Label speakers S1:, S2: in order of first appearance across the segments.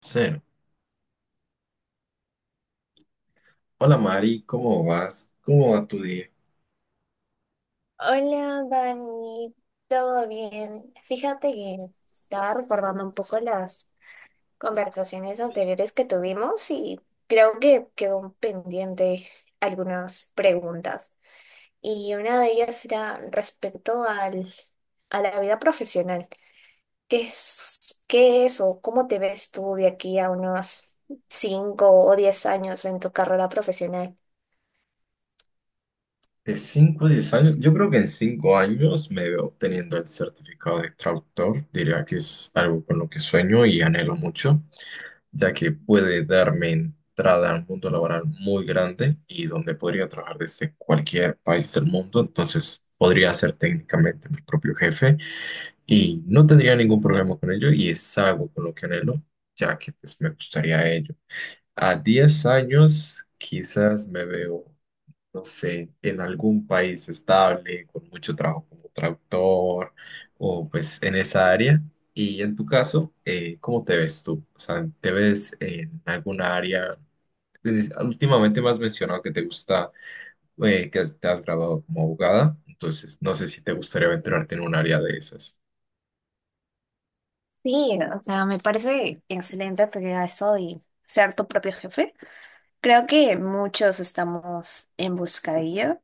S1: Cero. Hola Mari, ¿cómo vas? ¿Cómo va tu día?
S2: Hola, Dani, ¿todo bien? Fíjate que estaba recordando un poco las conversaciones anteriores que tuvimos y creo que quedó pendiente algunas preguntas. Y una de ellas era respecto al, a la vida profesional. ¿Qué es, qué es o cómo te ves tú de aquí a unos 5 o 10 años en tu carrera profesional?
S1: De 5 a 10 años, yo creo que en 5 años me veo obteniendo el certificado de traductor. Diría que es algo con lo que sueño y anhelo mucho, ya que puede darme entrada a un mundo laboral muy grande y donde podría trabajar desde cualquier país del mundo. Entonces podría ser técnicamente mi propio jefe y no tendría ningún problema con ello y es algo con lo que anhelo, ya que pues, me gustaría ello. A 10 años quizás me veo, no sé, en algún país estable, con mucho trabajo como traductor o pues en esa área. Y en tu caso, ¿cómo te ves tú? O sea, ¿te ves en alguna área? Últimamente me has mencionado que te gusta, te has graduado como abogada, entonces no sé si te gustaría aventurarte en un área de esas.
S2: Sí, o sea, me parece excelente porque a eso y ser tu propio jefe. Creo que muchos estamos en busca de ello.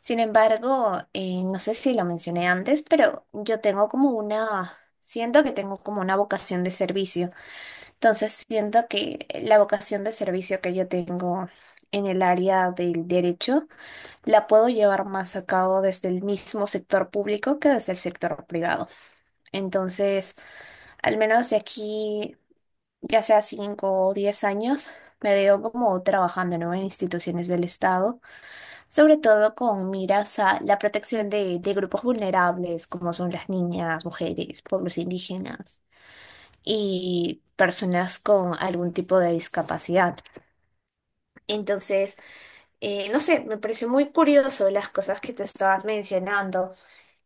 S2: Sin embargo, no sé si lo mencioné antes, pero yo tengo como una, siento que tengo como una vocación de servicio. Entonces, siento que la vocación de servicio que yo tengo en el área del derecho la puedo llevar más a cabo desde el mismo sector público que desde el sector privado. Entonces, al menos de aquí ya sea 5 o 10 años, me veo como trabajando, ¿no?, en instituciones del Estado, sobre todo con miras a la protección de grupos vulnerables, como son las niñas, mujeres, pueblos indígenas y personas con algún tipo de discapacidad. Entonces, no sé, me pareció muy curioso las cosas que te estabas mencionando,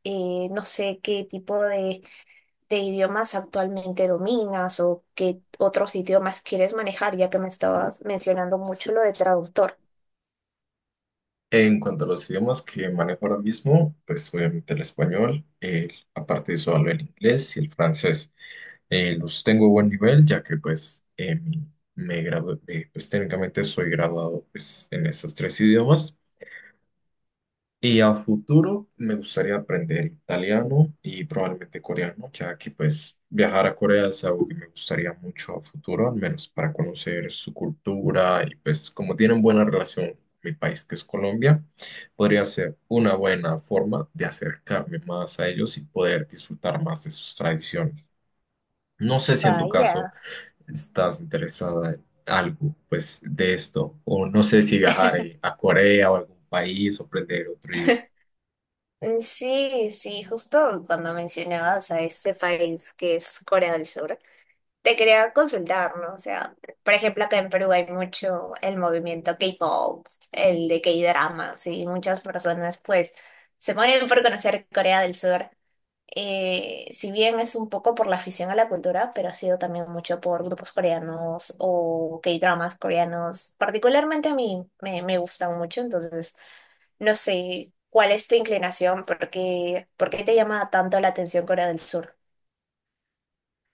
S2: no sé qué tipo de idiomas actualmente dominas o qué otros idiomas quieres manejar, ya que me estabas mencionando mucho lo de traductor.
S1: En cuanto a los idiomas que manejo ahora mismo, pues obviamente el español, aparte de eso hablo el inglés y el francés. Los tengo a buen nivel, ya que pues me gradué, pues técnicamente soy graduado pues, en esos tres idiomas. Y a futuro me gustaría aprender italiano y probablemente coreano, ya que pues viajar a Corea es algo que me gustaría mucho a futuro, al menos para conocer su cultura y pues como tienen buena relación mi país que es Colombia, podría ser una buena forma de acercarme más a ellos y poder disfrutar más de sus tradiciones. No sé si en tu caso
S2: Vaya.
S1: estás interesada en algo pues de esto o no sé si viajar a Corea o algún país o aprender otro idioma.
S2: Mm, sí, sí, justo cuando mencionabas a este país que es Corea del Sur, te quería consultar, ¿no? O sea, por ejemplo, acá en Perú hay mucho el movimiento K-pop, el de K-dramas, y muchas personas pues se mueren por conocer Corea del Sur. Eh, si bien es un poco por la afición a la cultura, pero ha sido también mucho por grupos coreanos o K-dramas coreanos. Particularmente a mí me gustan mucho, entonces no sé cuál es tu inclinación, por qué te llama tanto la atención Corea del Sur.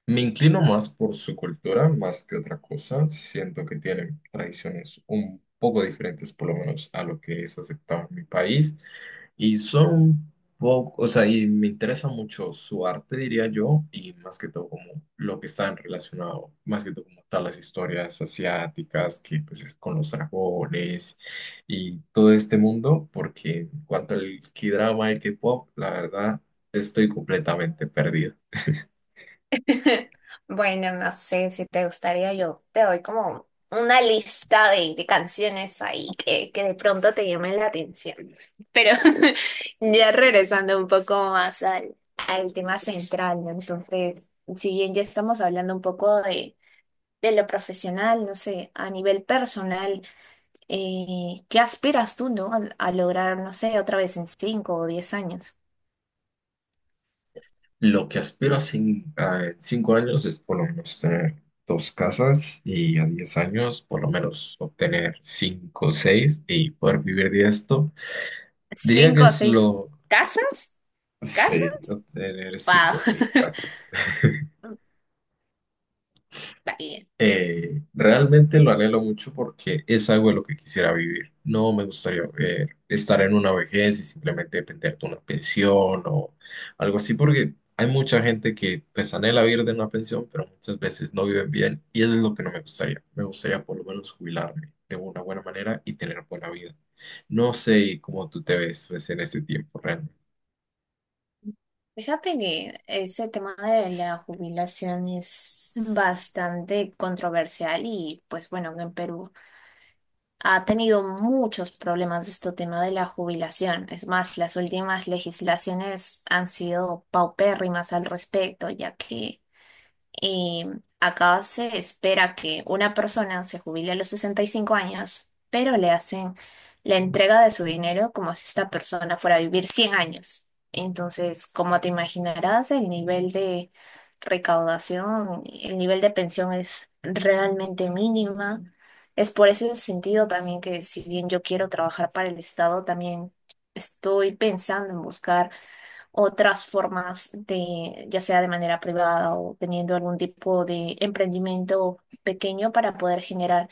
S1: Me inclino más por su cultura, más que otra cosa. Siento que tienen tradiciones un poco diferentes, por lo menos a lo que es aceptado en mi país. Y son un poco, o sea, y me interesa mucho su arte, diría yo, y más que todo como lo que está relacionado, más que todo como tal las historias asiáticas, que pues es con los dragones y todo este mundo, porque en cuanto al K-drama y K-pop, la verdad, estoy completamente perdido.
S2: Bueno, no sé si te gustaría, yo te doy como una lista de canciones ahí que de pronto te llamen la atención. Pero ya regresando un poco más al tema central, ¿no? Entonces, si bien ya estamos hablando un poco de lo profesional, no sé, a nivel personal, ¿qué aspiras tú? ¿No? A lograr, no sé, ¿otra vez en 5 o 10 años?
S1: Lo que aspiro a, en 5 años es por lo menos tener dos casas y a 10 años por lo menos obtener cinco o seis y poder vivir de esto. Diría que
S2: ¿Cinco o
S1: es
S2: seis
S1: lo.
S2: casas?
S1: Sí,
S2: ¿Casas?
S1: obtener
S2: ¡Wow!
S1: cinco o seis casas.
S2: Bien.
S1: Realmente lo anhelo mucho porque es algo de lo que quisiera vivir. No me gustaría estar en una vejez y simplemente depender de una pensión o algo así, porque hay mucha gente que pues anhela vivir de una pensión, pero muchas veces no viven bien y eso es lo que no me gustaría. Me gustaría por lo menos jubilarme de una buena manera y tener buena vida. No sé cómo tú te ves pues, en este tiempo, realmente.
S2: Fíjate que ese tema de la jubilación es bastante controversial y pues bueno, en Perú ha tenido muchos problemas este tema de la jubilación. Es más, las últimas legislaciones han sido paupérrimas al respecto, ya que Eh, acá se espera que una persona se jubile a los 65 años, pero le hacen la entrega de su dinero como si esta persona fuera a vivir 100 años. Entonces, como te imaginarás, el nivel de recaudación, el nivel de pensión es realmente mínima. Es por ese sentido también que, si bien yo quiero trabajar para el Estado, también estoy pensando en buscar otras formas de, ya sea de manera privada o teniendo algún tipo de emprendimiento pequeño para poder generar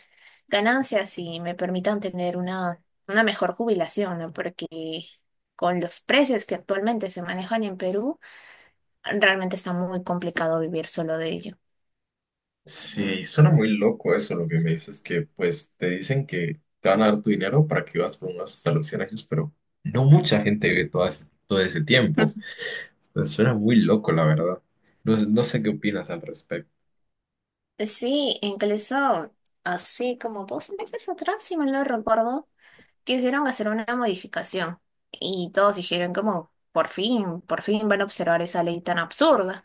S2: ganancias y me permitan tener una mejor jubilación, ¿no? Porque con los precios que actualmente se manejan en Perú, realmente está muy complicado vivir solo de ello.
S1: Sí, suena muy loco eso, lo que me dices, que pues te dicen que te van a dar tu dinero para que vivas por unos hasta los 100 años, pero no mucha gente vive todo, todo ese tiempo. Entonces, suena muy loco, la verdad. No sé qué opinas al respecto.
S2: Sí, incluso así como 2 meses atrás, si mal no recuerdo, quisieron hacer una modificación y todos dijeron como, por fin van a observar esa ley tan absurda.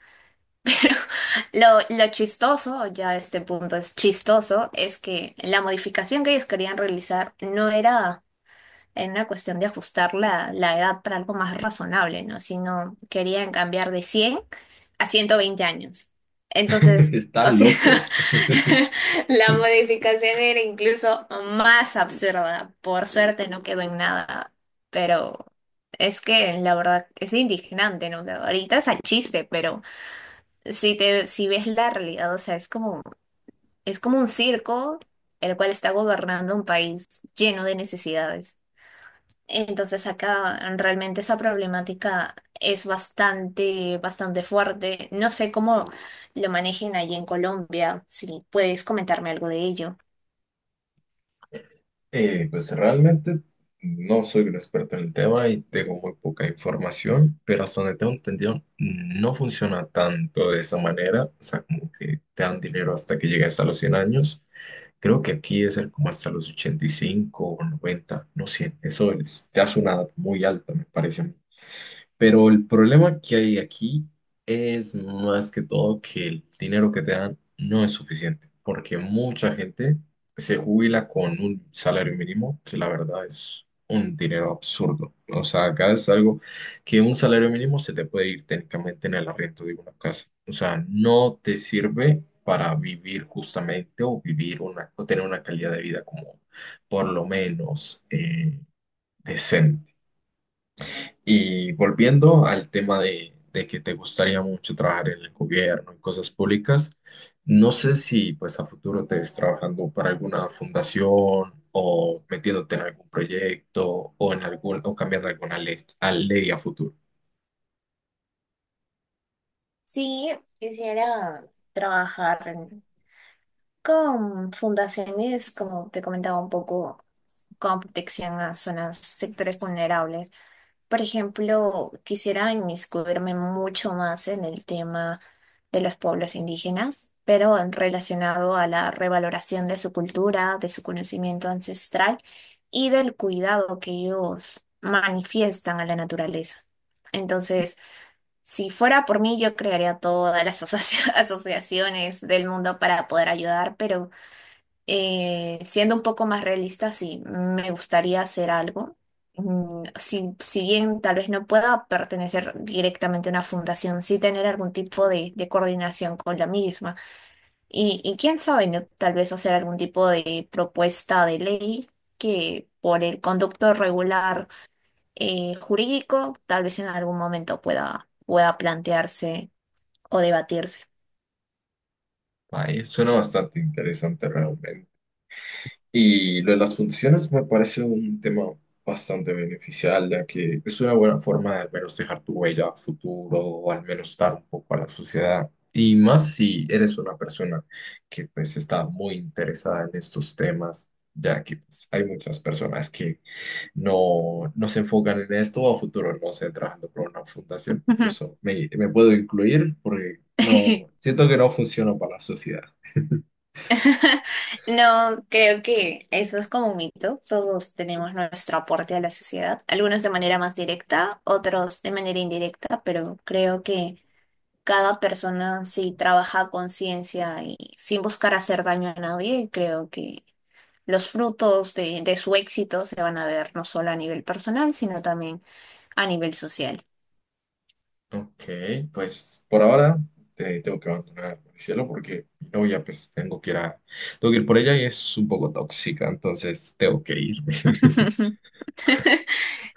S2: Lo chistoso, ya a este punto es chistoso, es que la modificación que ellos querían realizar no era en una cuestión de ajustar la edad para algo más razonable, ¿no? Sino querían cambiar de 100 a 120 años. Entonces,
S1: Está
S2: o sea,
S1: loco.
S2: la modificación era incluso más absurda. Por suerte no quedó en nada, pero es que la verdad es indignante, ¿no? Ahorita es a chiste, pero si ves la realidad, o sea, es como un circo el cual está gobernando un país lleno de necesidades. Entonces acá realmente esa problemática es bastante, bastante fuerte. No sé cómo lo manejen allí en Colombia, si puedes comentarme algo de ello.
S1: Pues realmente no soy un experto en el tema y tengo muy poca información, pero hasta donde tengo entendido no funciona tanto de esa manera, o sea, como que te dan dinero hasta que llegues a los 100 años. Creo que aquí es como hasta los 85 o 90 no 100 eso es, ya es una edad muy alta, me parece. Pero el problema que hay aquí es más que todo que el dinero que te dan no es suficiente, porque mucha gente se jubila con un salario mínimo, que la verdad es un dinero absurdo. O sea, acá es algo que un salario mínimo se te puede ir técnicamente en el arriendo de una casa. O sea, no te sirve para vivir justamente o vivir una, o tener una calidad de vida como por lo menos decente. Y volviendo al tema de que te gustaría mucho trabajar en el gobierno, en cosas públicas, no sé si pues a futuro te ves trabajando para alguna fundación o metiéndote en algún proyecto o en algún o cambiando alguna ley a ley a futuro.
S2: Sí, quisiera trabajar con fundaciones, como te comentaba un poco, con protección a zonas, sectores vulnerables. Por ejemplo, quisiera inmiscuirme mucho más en el tema de los pueblos indígenas, pero en relacionado a la revaloración de su cultura, de su conocimiento ancestral y del cuidado que ellos manifiestan a la naturaleza. Entonces, si fuera por mí, yo crearía todas las asociaciones del mundo para poder ayudar, pero siendo un poco más realista, sí, me gustaría hacer algo. Mm, Si, si bien tal vez no pueda pertenecer directamente a una fundación, sí tener algún tipo de coordinación con la misma. Y quién sabe, ¿no? Tal vez hacer algún tipo de propuesta de ley que, por el conducto regular, jurídico, tal vez en algún momento pueda plantearse o debatirse.
S1: Ay, suena bastante interesante realmente. Y lo de las funciones me parece un tema bastante beneficial, ya que es una buena forma de al menos dejar tu huella a futuro o al menos dar un poco a la sociedad. Y más si eres una persona que pues está muy interesada en estos temas, ya que pues, hay muchas personas que no, no se enfocan en esto o a futuro no se trabajando por una fundación. Incluso me puedo incluir porque no, siento que no funciona para la sociedad.
S2: No, creo que eso es como un mito. Todos tenemos nuestro aporte a la sociedad, algunos de manera más directa, otros de manera indirecta, pero creo que cada persona, si trabaja a conciencia y sin buscar hacer daño a nadie, creo que los frutos de su éxito se van a ver no solo a nivel personal, sino también a nivel social.
S1: Ok, pues por ahora te tengo que abandonar, cielo porque mi novia, pues tengo que ir por ella y es un poco tóxica, entonces tengo que irme.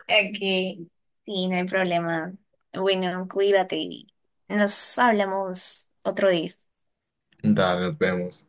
S2: Aquí, sí, no hay problema. Bueno, cuídate y nos hablamos otro día.
S1: Dale, nos vemos.